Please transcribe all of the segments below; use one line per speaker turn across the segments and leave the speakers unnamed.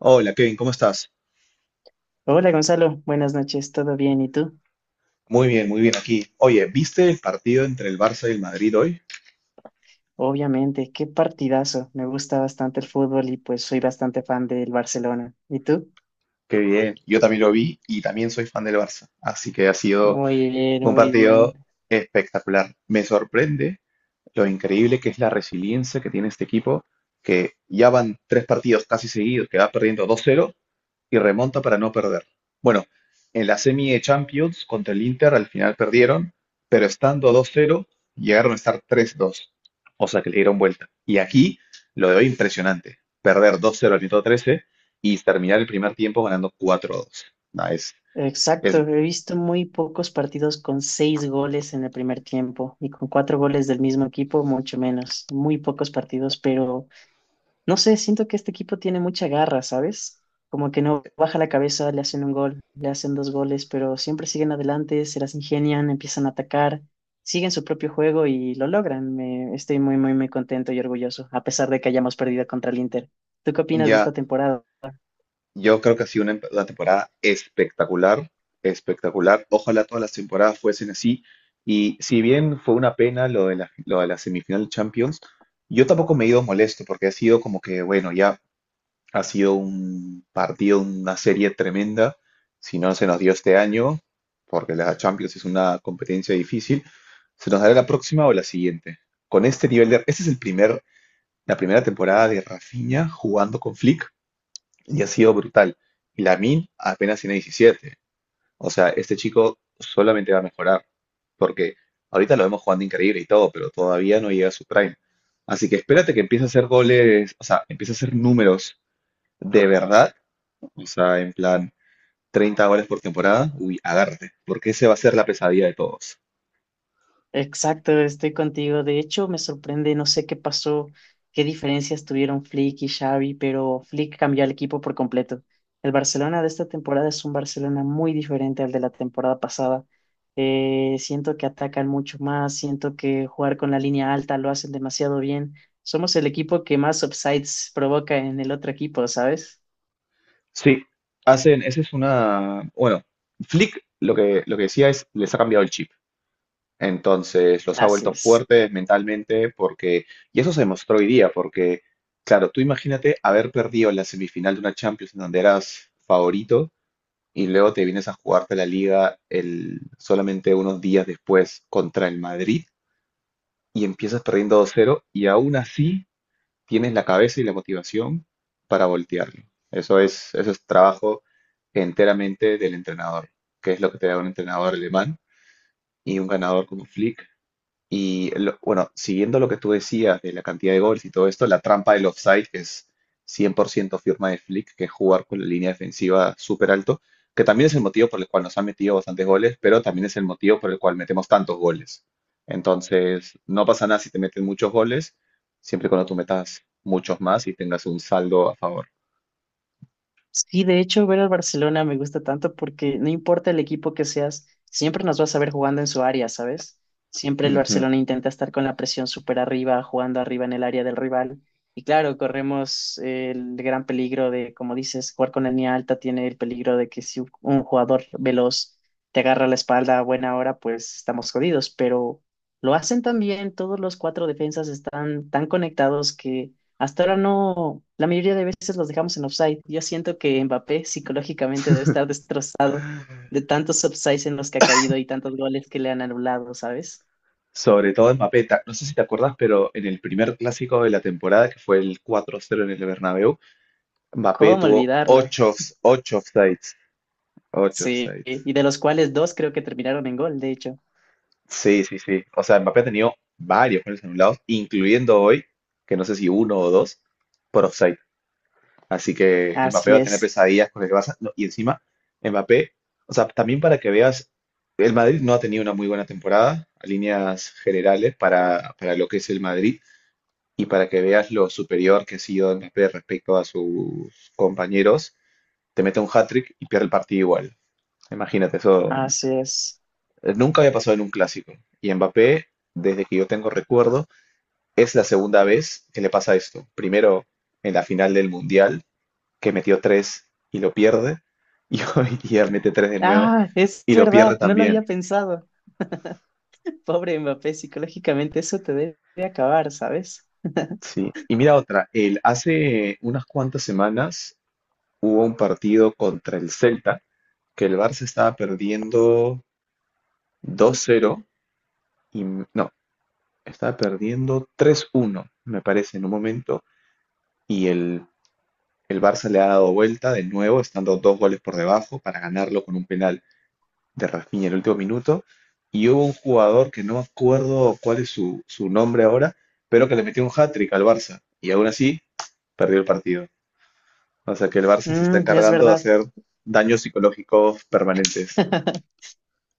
Hola Kevin, ¿cómo estás?
Hola Gonzalo, buenas noches, ¿todo bien? ¿Y tú?
Muy bien aquí. Oye, ¿viste el partido entre el Barça y el Madrid hoy?
Obviamente, qué partidazo. Me gusta bastante el fútbol y pues soy bastante fan del Barcelona. ¿Y tú?
Qué bien, yo también lo vi y también soy fan del Barça, así que ha sido
Muy bien,
un
muy bien.
partido espectacular. Me sorprende lo increíble que es la resiliencia que tiene este equipo, que ya van tres partidos casi seguidos, que va perdiendo 2-0 y remonta para no perder. Bueno, en la semi de Champions contra el Inter al final perdieron, pero estando 2-0 llegaron a estar 3-2, o sea que le dieron vuelta. Y aquí lo de hoy impresionante, perder 2-0 al minuto 13 y terminar el primer tiempo ganando 4-2. Nah,
Exacto,
es
he visto muy pocos partidos con seis goles en el primer tiempo y con cuatro goles del mismo equipo, mucho menos. Muy pocos partidos, pero no sé, siento que este equipo tiene mucha garra, ¿sabes? Como que no baja la cabeza, le hacen un gol, le hacen dos goles, pero siempre siguen adelante, se las ingenian, empiezan a atacar, siguen su propio juego y lo logran. Estoy muy, muy, muy contento y orgulloso, a pesar de que hayamos perdido contra el Inter. ¿Tú qué opinas de
ya
esta temporada?
yo creo que ha sido una temporada espectacular, espectacular. Ojalá todas las temporadas fuesen así. Y si bien fue una pena lo de la semifinal de Champions, yo tampoco me he ido molesto porque ha sido como que, bueno, ya ha sido un partido, una serie tremenda. Si no se nos dio este año, porque la Champions es una competencia difícil, se nos dará la próxima o la siguiente. Con este nivel de... Este es el primer, la primera temporada de Rafinha jugando con Flick y ha sido brutal. Y Lamin apenas tiene 17. O sea, este chico solamente va a mejorar, porque ahorita lo vemos jugando increíble y todo, pero todavía no llega a su prime. Así que espérate que empiece a hacer goles, o sea, empiece a hacer números de verdad, o sea, en plan 30 goles por temporada, uy, agárrate, porque ese va a ser la pesadilla de todos.
Exacto, estoy contigo. De hecho, me sorprende, no sé qué pasó, qué diferencias tuvieron Flick y Xavi, pero Flick cambió al equipo por completo. El Barcelona de esta temporada es un Barcelona muy diferente al de la temporada pasada. Siento que atacan mucho más, siento que jugar con la línea alta lo hacen demasiado bien. Somos el equipo que más offsides provoca en el otro equipo, ¿sabes?
Sí, hacen, esa es una, bueno, Flick lo que decía es, les ha cambiado el chip. Entonces los ha vuelto
Gracias.
fuertes mentalmente porque, y eso se demostró hoy día, porque, claro, tú imagínate haber perdido la semifinal de una Champions en donde eras favorito y luego te vienes a jugarte la liga solamente unos días después contra el Madrid y empiezas perdiendo 2-0 y aún así tienes la cabeza y la motivación para voltearlo. Eso es trabajo enteramente del entrenador, que es lo que te da un entrenador alemán y un ganador como Flick y bueno, siguiendo lo que tú decías de la cantidad de goles y todo esto, la trampa del offside, que es 100% firma de Flick, que es jugar con la línea defensiva súper alto, que también es el motivo por el cual nos han metido bastantes goles, pero también es el motivo por el cual metemos tantos goles. Entonces, no pasa nada si te meten muchos goles, siempre y cuando tú metas muchos más y tengas un saldo a favor.
Sí, de hecho, ver al Barcelona me gusta tanto porque no importa el equipo que seas, siempre nos vas a ver jugando en su área, ¿sabes? Siempre el
Ujú.
Barcelona intenta estar con la presión súper arriba, jugando arriba en el área del rival. Y claro, corremos el gran peligro de, como dices, jugar con línea alta tiene el peligro de que si un jugador veloz te agarra la espalda a buena hora, pues estamos jodidos. Pero lo hacen tan bien, todos los cuatro defensas están tan conectados que hasta ahora no, la mayoría de veces los dejamos en offside. Yo siento que Mbappé psicológicamente debe estar destrozado de tantos offsides en los que ha caído y tantos goles que le han anulado, ¿sabes?
Sobre todo en Mbappé, no sé si te acuerdas, pero en el primer clásico de la temporada, que fue el 4-0 en el Bernabéu, Mbappé
¿Cómo
tuvo
olvidarlo?
ocho offsides. Ocho
Sí,
offsides.
y de los cuales dos creo que terminaron en gol, de hecho.
Sí, sí, sí. O sea, Mbappé ha tenido varios goles anulados, incluyendo hoy, que no sé si uno o dos, por offside. Así que Mbappé
Así
va a tener
es,
pesadillas con el Barça. No, y encima, Mbappé, o sea, también para que veas, el Madrid no ha tenido una muy buena temporada, a líneas generales, para lo que es el Madrid. Y para que veas lo superior que ha sido Mbappé respecto a sus compañeros, te mete un hat-trick y pierde el partido igual. Imagínate, eso
así es.
nunca había pasado en un clásico. Y Mbappé, desde que yo tengo recuerdo, es la segunda vez que le pasa esto. Primero en la final del Mundial, que metió tres y lo pierde. Y hoy día mete tres de nuevo
Ah, es
y lo pierde
verdad, no lo había
también.
pensado. Pobre Mbappé, psicológicamente eso te debe acabar, ¿sabes?
Sí. Y mira otra. Él hace unas cuantas semanas hubo un partido contra el Celta, que el Barça estaba perdiendo 2-0. Y no, estaba perdiendo 3-1 me parece, en un momento. Y el El Barça le ha dado vuelta de nuevo, estando dos goles por debajo para ganarlo con un penal de Rafinha en el último minuto. Y hubo un jugador que no me acuerdo cuál es su nombre ahora, pero que le metió un hat-trick al Barça. Y aún así, perdió el partido. O sea que el Barça se está
Mm, es
encargando de
verdad.
hacer daños psicológicos permanentes.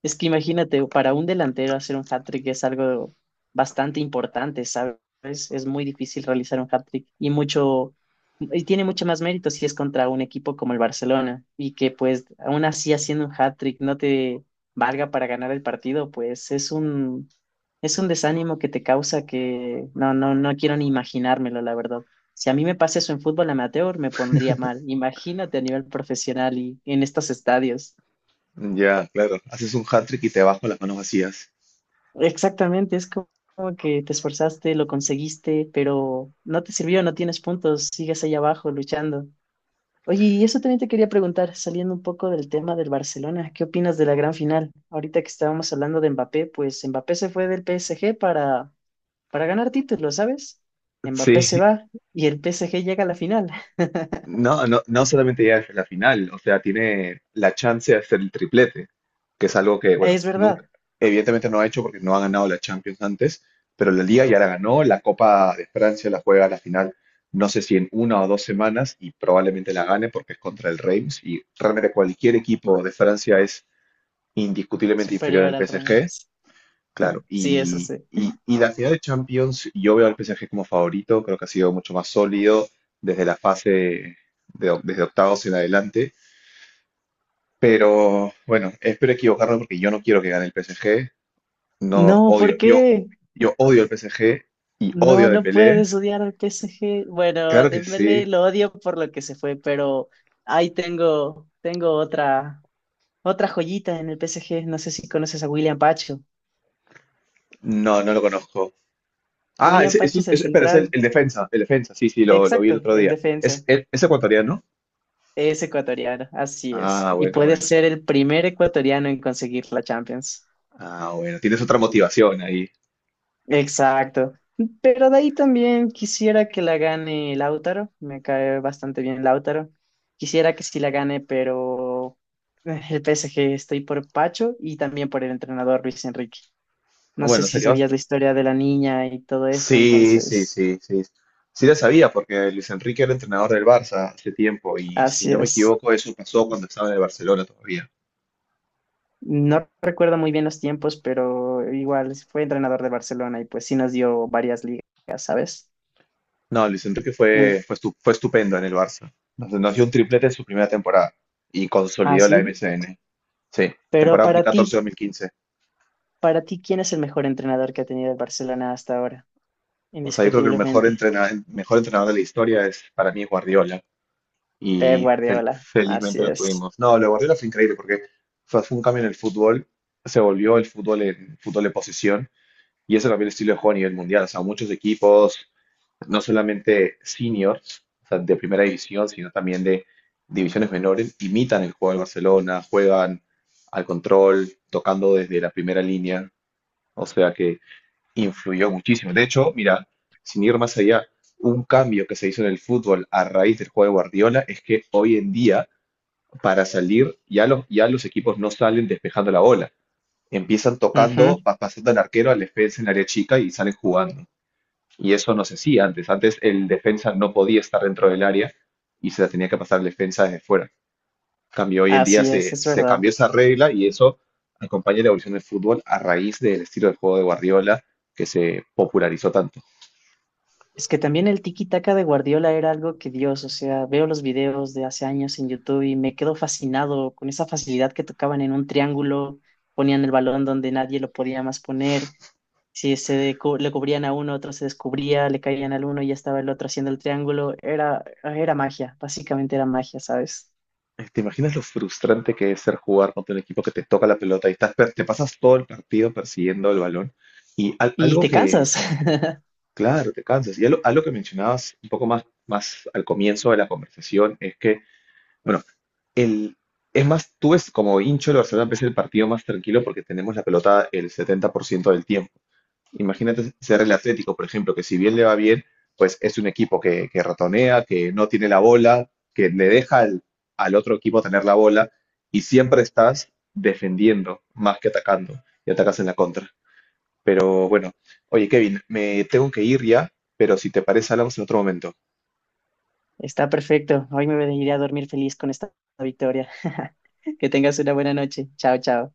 Es que imagínate, para un delantero hacer un hat-trick es algo bastante importante, ¿sabes? Es muy difícil realizar un hat-trick y mucho, y tiene mucho más mérito si es contra un equipo como el Barcelona y que pues aún así haciendo un hat-trick no te valga para ganar el partido, pues es un desánimo que te causa que no, no, no quiero ni imaginármelo, la verdad. Si a mí me pasa eso en fútbol amateur, me pondría mal. Imagínate a nivel profesional y en estos estadios.
Ya, claro. Haces un hat-trick y te bajo las manos vacías.
Exactamente, es como que te esforzaste, lo conseguiste, pero no te sirvió, no tienes puntos, sigues ahí abajo luchando. Oye, y eso también te quería preguntar, saliendo un poco del tema del Barcelona, ¿qué opinas de la gran final? Ahorita que estábamos hablando de Mbappé, pues Mbappé se fue del PSG para ganar títulos, ¿sabes? Mbappé se
Sí.
va y el PSG llega a la final.
No, no, no solamente llega a la final, o sea, tiene la chance de hacer el triplete, que es algo que, bueno,
Es
nunca,
verdad,
evidentemente no ha hecho porque no ha ganado la Champions antes, pero la Liga ya la ganó, la Copa de Francia la juega a la final, no sé si en una o dos semanas, y probablemente la gane porque es contra el Reims, y realmente cualquier equipo de Francia es indiscutiblemente inferior al
superior al
PSG.
Reims.
Claro,
Sí, eso
y,
sí.
y- y la final de Champions, yo veo al PSG como favorito, creo que ha sido mucho más sólido desde desde octavos en adelante, pero bueno, espero equivocarme porque yo no quiero que gane el PSG, no
No,
odio,
¿por
yo,
qué?
yo odio el PSG y
No,
odio a
no
Dembélé,
puedes odiar al PSG. Bueno, a
claro que
Dembélé
sí.
lo odio por lo que se fue, pero ahí tengo otra, otra joyita en el PSG. No sé si conoces a William Pacho.
No, no lo conozco. Ah,
William Pacho es el
espera, es el,
central,
el defensa, el defensa, sí, sí, lo vi el
exacto,
otro
el
día. ¿Es,
defensa.
es, es ecuatoriano?
Es ecuatoriano, así es.
Ah,
Y
bueno,
puede
bueno,
ser el primer ecuatoriano en conseguir la Champions.
ah, bueno, tienes otra motivación ahí.
Exacto. Pero de ahí también quisiera que la gane Lautaro. Me cae bastante bien Lautaro. Quisiera que sí la gane, pero el PSG estoy por Pacho y también por el entrenador Luis Enrique. No sé
Bueno,
si
sería
sabías la historia de la niña y todo eso,
sí, sí,
entonces
sí, sí. Sí la sabía porque Luis Enrique era entrenador del Barça hace tiempo y si
así
no me
es.
equivoco eso pasó cuando estaba en el Barcelona todavía.
No recuerdo muy bien los tiempos, pero igual fue entrenador de Barcelona y pues sí nos dio varias ligas, ¿sabes?
No, Luis Enrique
En-
fue estupendo en el Barça. Nos dio un triplete en su primera temporada y consolidó la
Así.
MSN. Sí,
Pero
temporada
para ti.
2014-2015.
Para ti, ¿quién es el mejor entrenador que ha tenido el Barcelona hasta ahora?
O sea, yo creo que el
Indiscutiblemente,
mejor entrenador de la historia es, para mí, es Guardiola
Pep
y
Guardiola. Así
felizmente lo
es.
tuvimos. No, lo de Guardiola fue increíble porque fue un cambio en el fútbol, se volvió el fútbol en fútbol de posición. Y eso cambió el estilo de juego a nivel mundial. O sea, muchos equipos, no solamente seniors, o sea, de primera división, sino también de divisiones menores, imitan el juego del Barcelona, juegan al control, tocando desde la primera línea. O sea que influyó muchísimo. De hecho, mira, sin ir más allá, un cambio que se hizo en el fútbol a raíz del juego de Guardiola es que hoy en día, para salir, ya los equipos no salen despejando la bola. Empiezan
Ujú.
tocando, pasando al arquero, al defensa en área chica y salen jugando. Y eso no se hacía antes. Antes el defensa no podía estar dentro del área y se la tenía que pasar el defensa desde fuera. Cambio, hoy en día
Así
se,
es
se
verdad.
cambió esa regla y eso acompaña la evolución del fútbol a raíz del estilo de juego de Guardiola que se popularizó tanto.
Es que también el tiki-taka de Guardiola era algo que Dios, o sea, veo los videos de hace años en YouTube y me quedo fascinado con esa facilidad que tocaban en un triángulo, ponían el balón donde nadie lo podía más poner. Si se decu- Le cubrían a uno, otro se descubría, le caían al uno y ya estaba el otro haciendo el triángulo. Era, era magia, básicamente era magia, ¿sabes?
¿Te imaginas lo frustrante que es ser jugar contra un equipo que te toca la pelota y estás, te pasas todo el partido persiguiendo el balón? Y
Y
algo
te
que,
cansas.
claro, te cansas. Y algo que mencionabas un poco más al comienzo de la conversación es que, bueno, el, es más, tú ves como hincho el Barcelona empieza el partido más tranquilo porque tenemos la pelota el 70% del tiempo. Imagínate ser el Atlético, por ejemplo, que si bien le va bien, pues es un equipo que ratonea, que no tiene la bola, que le deja al otro equipo tener la bola y siempre estás defendiendo más que atacando y atacas en la contra. Pero bueno, oye Kevin, me tengo que ir ya, pero si te parece hablamos en otro momento.
Está perfecto. Hoy me iré a dormir feliz con esta victoria. Que tengas una buena noche. Chao, chao.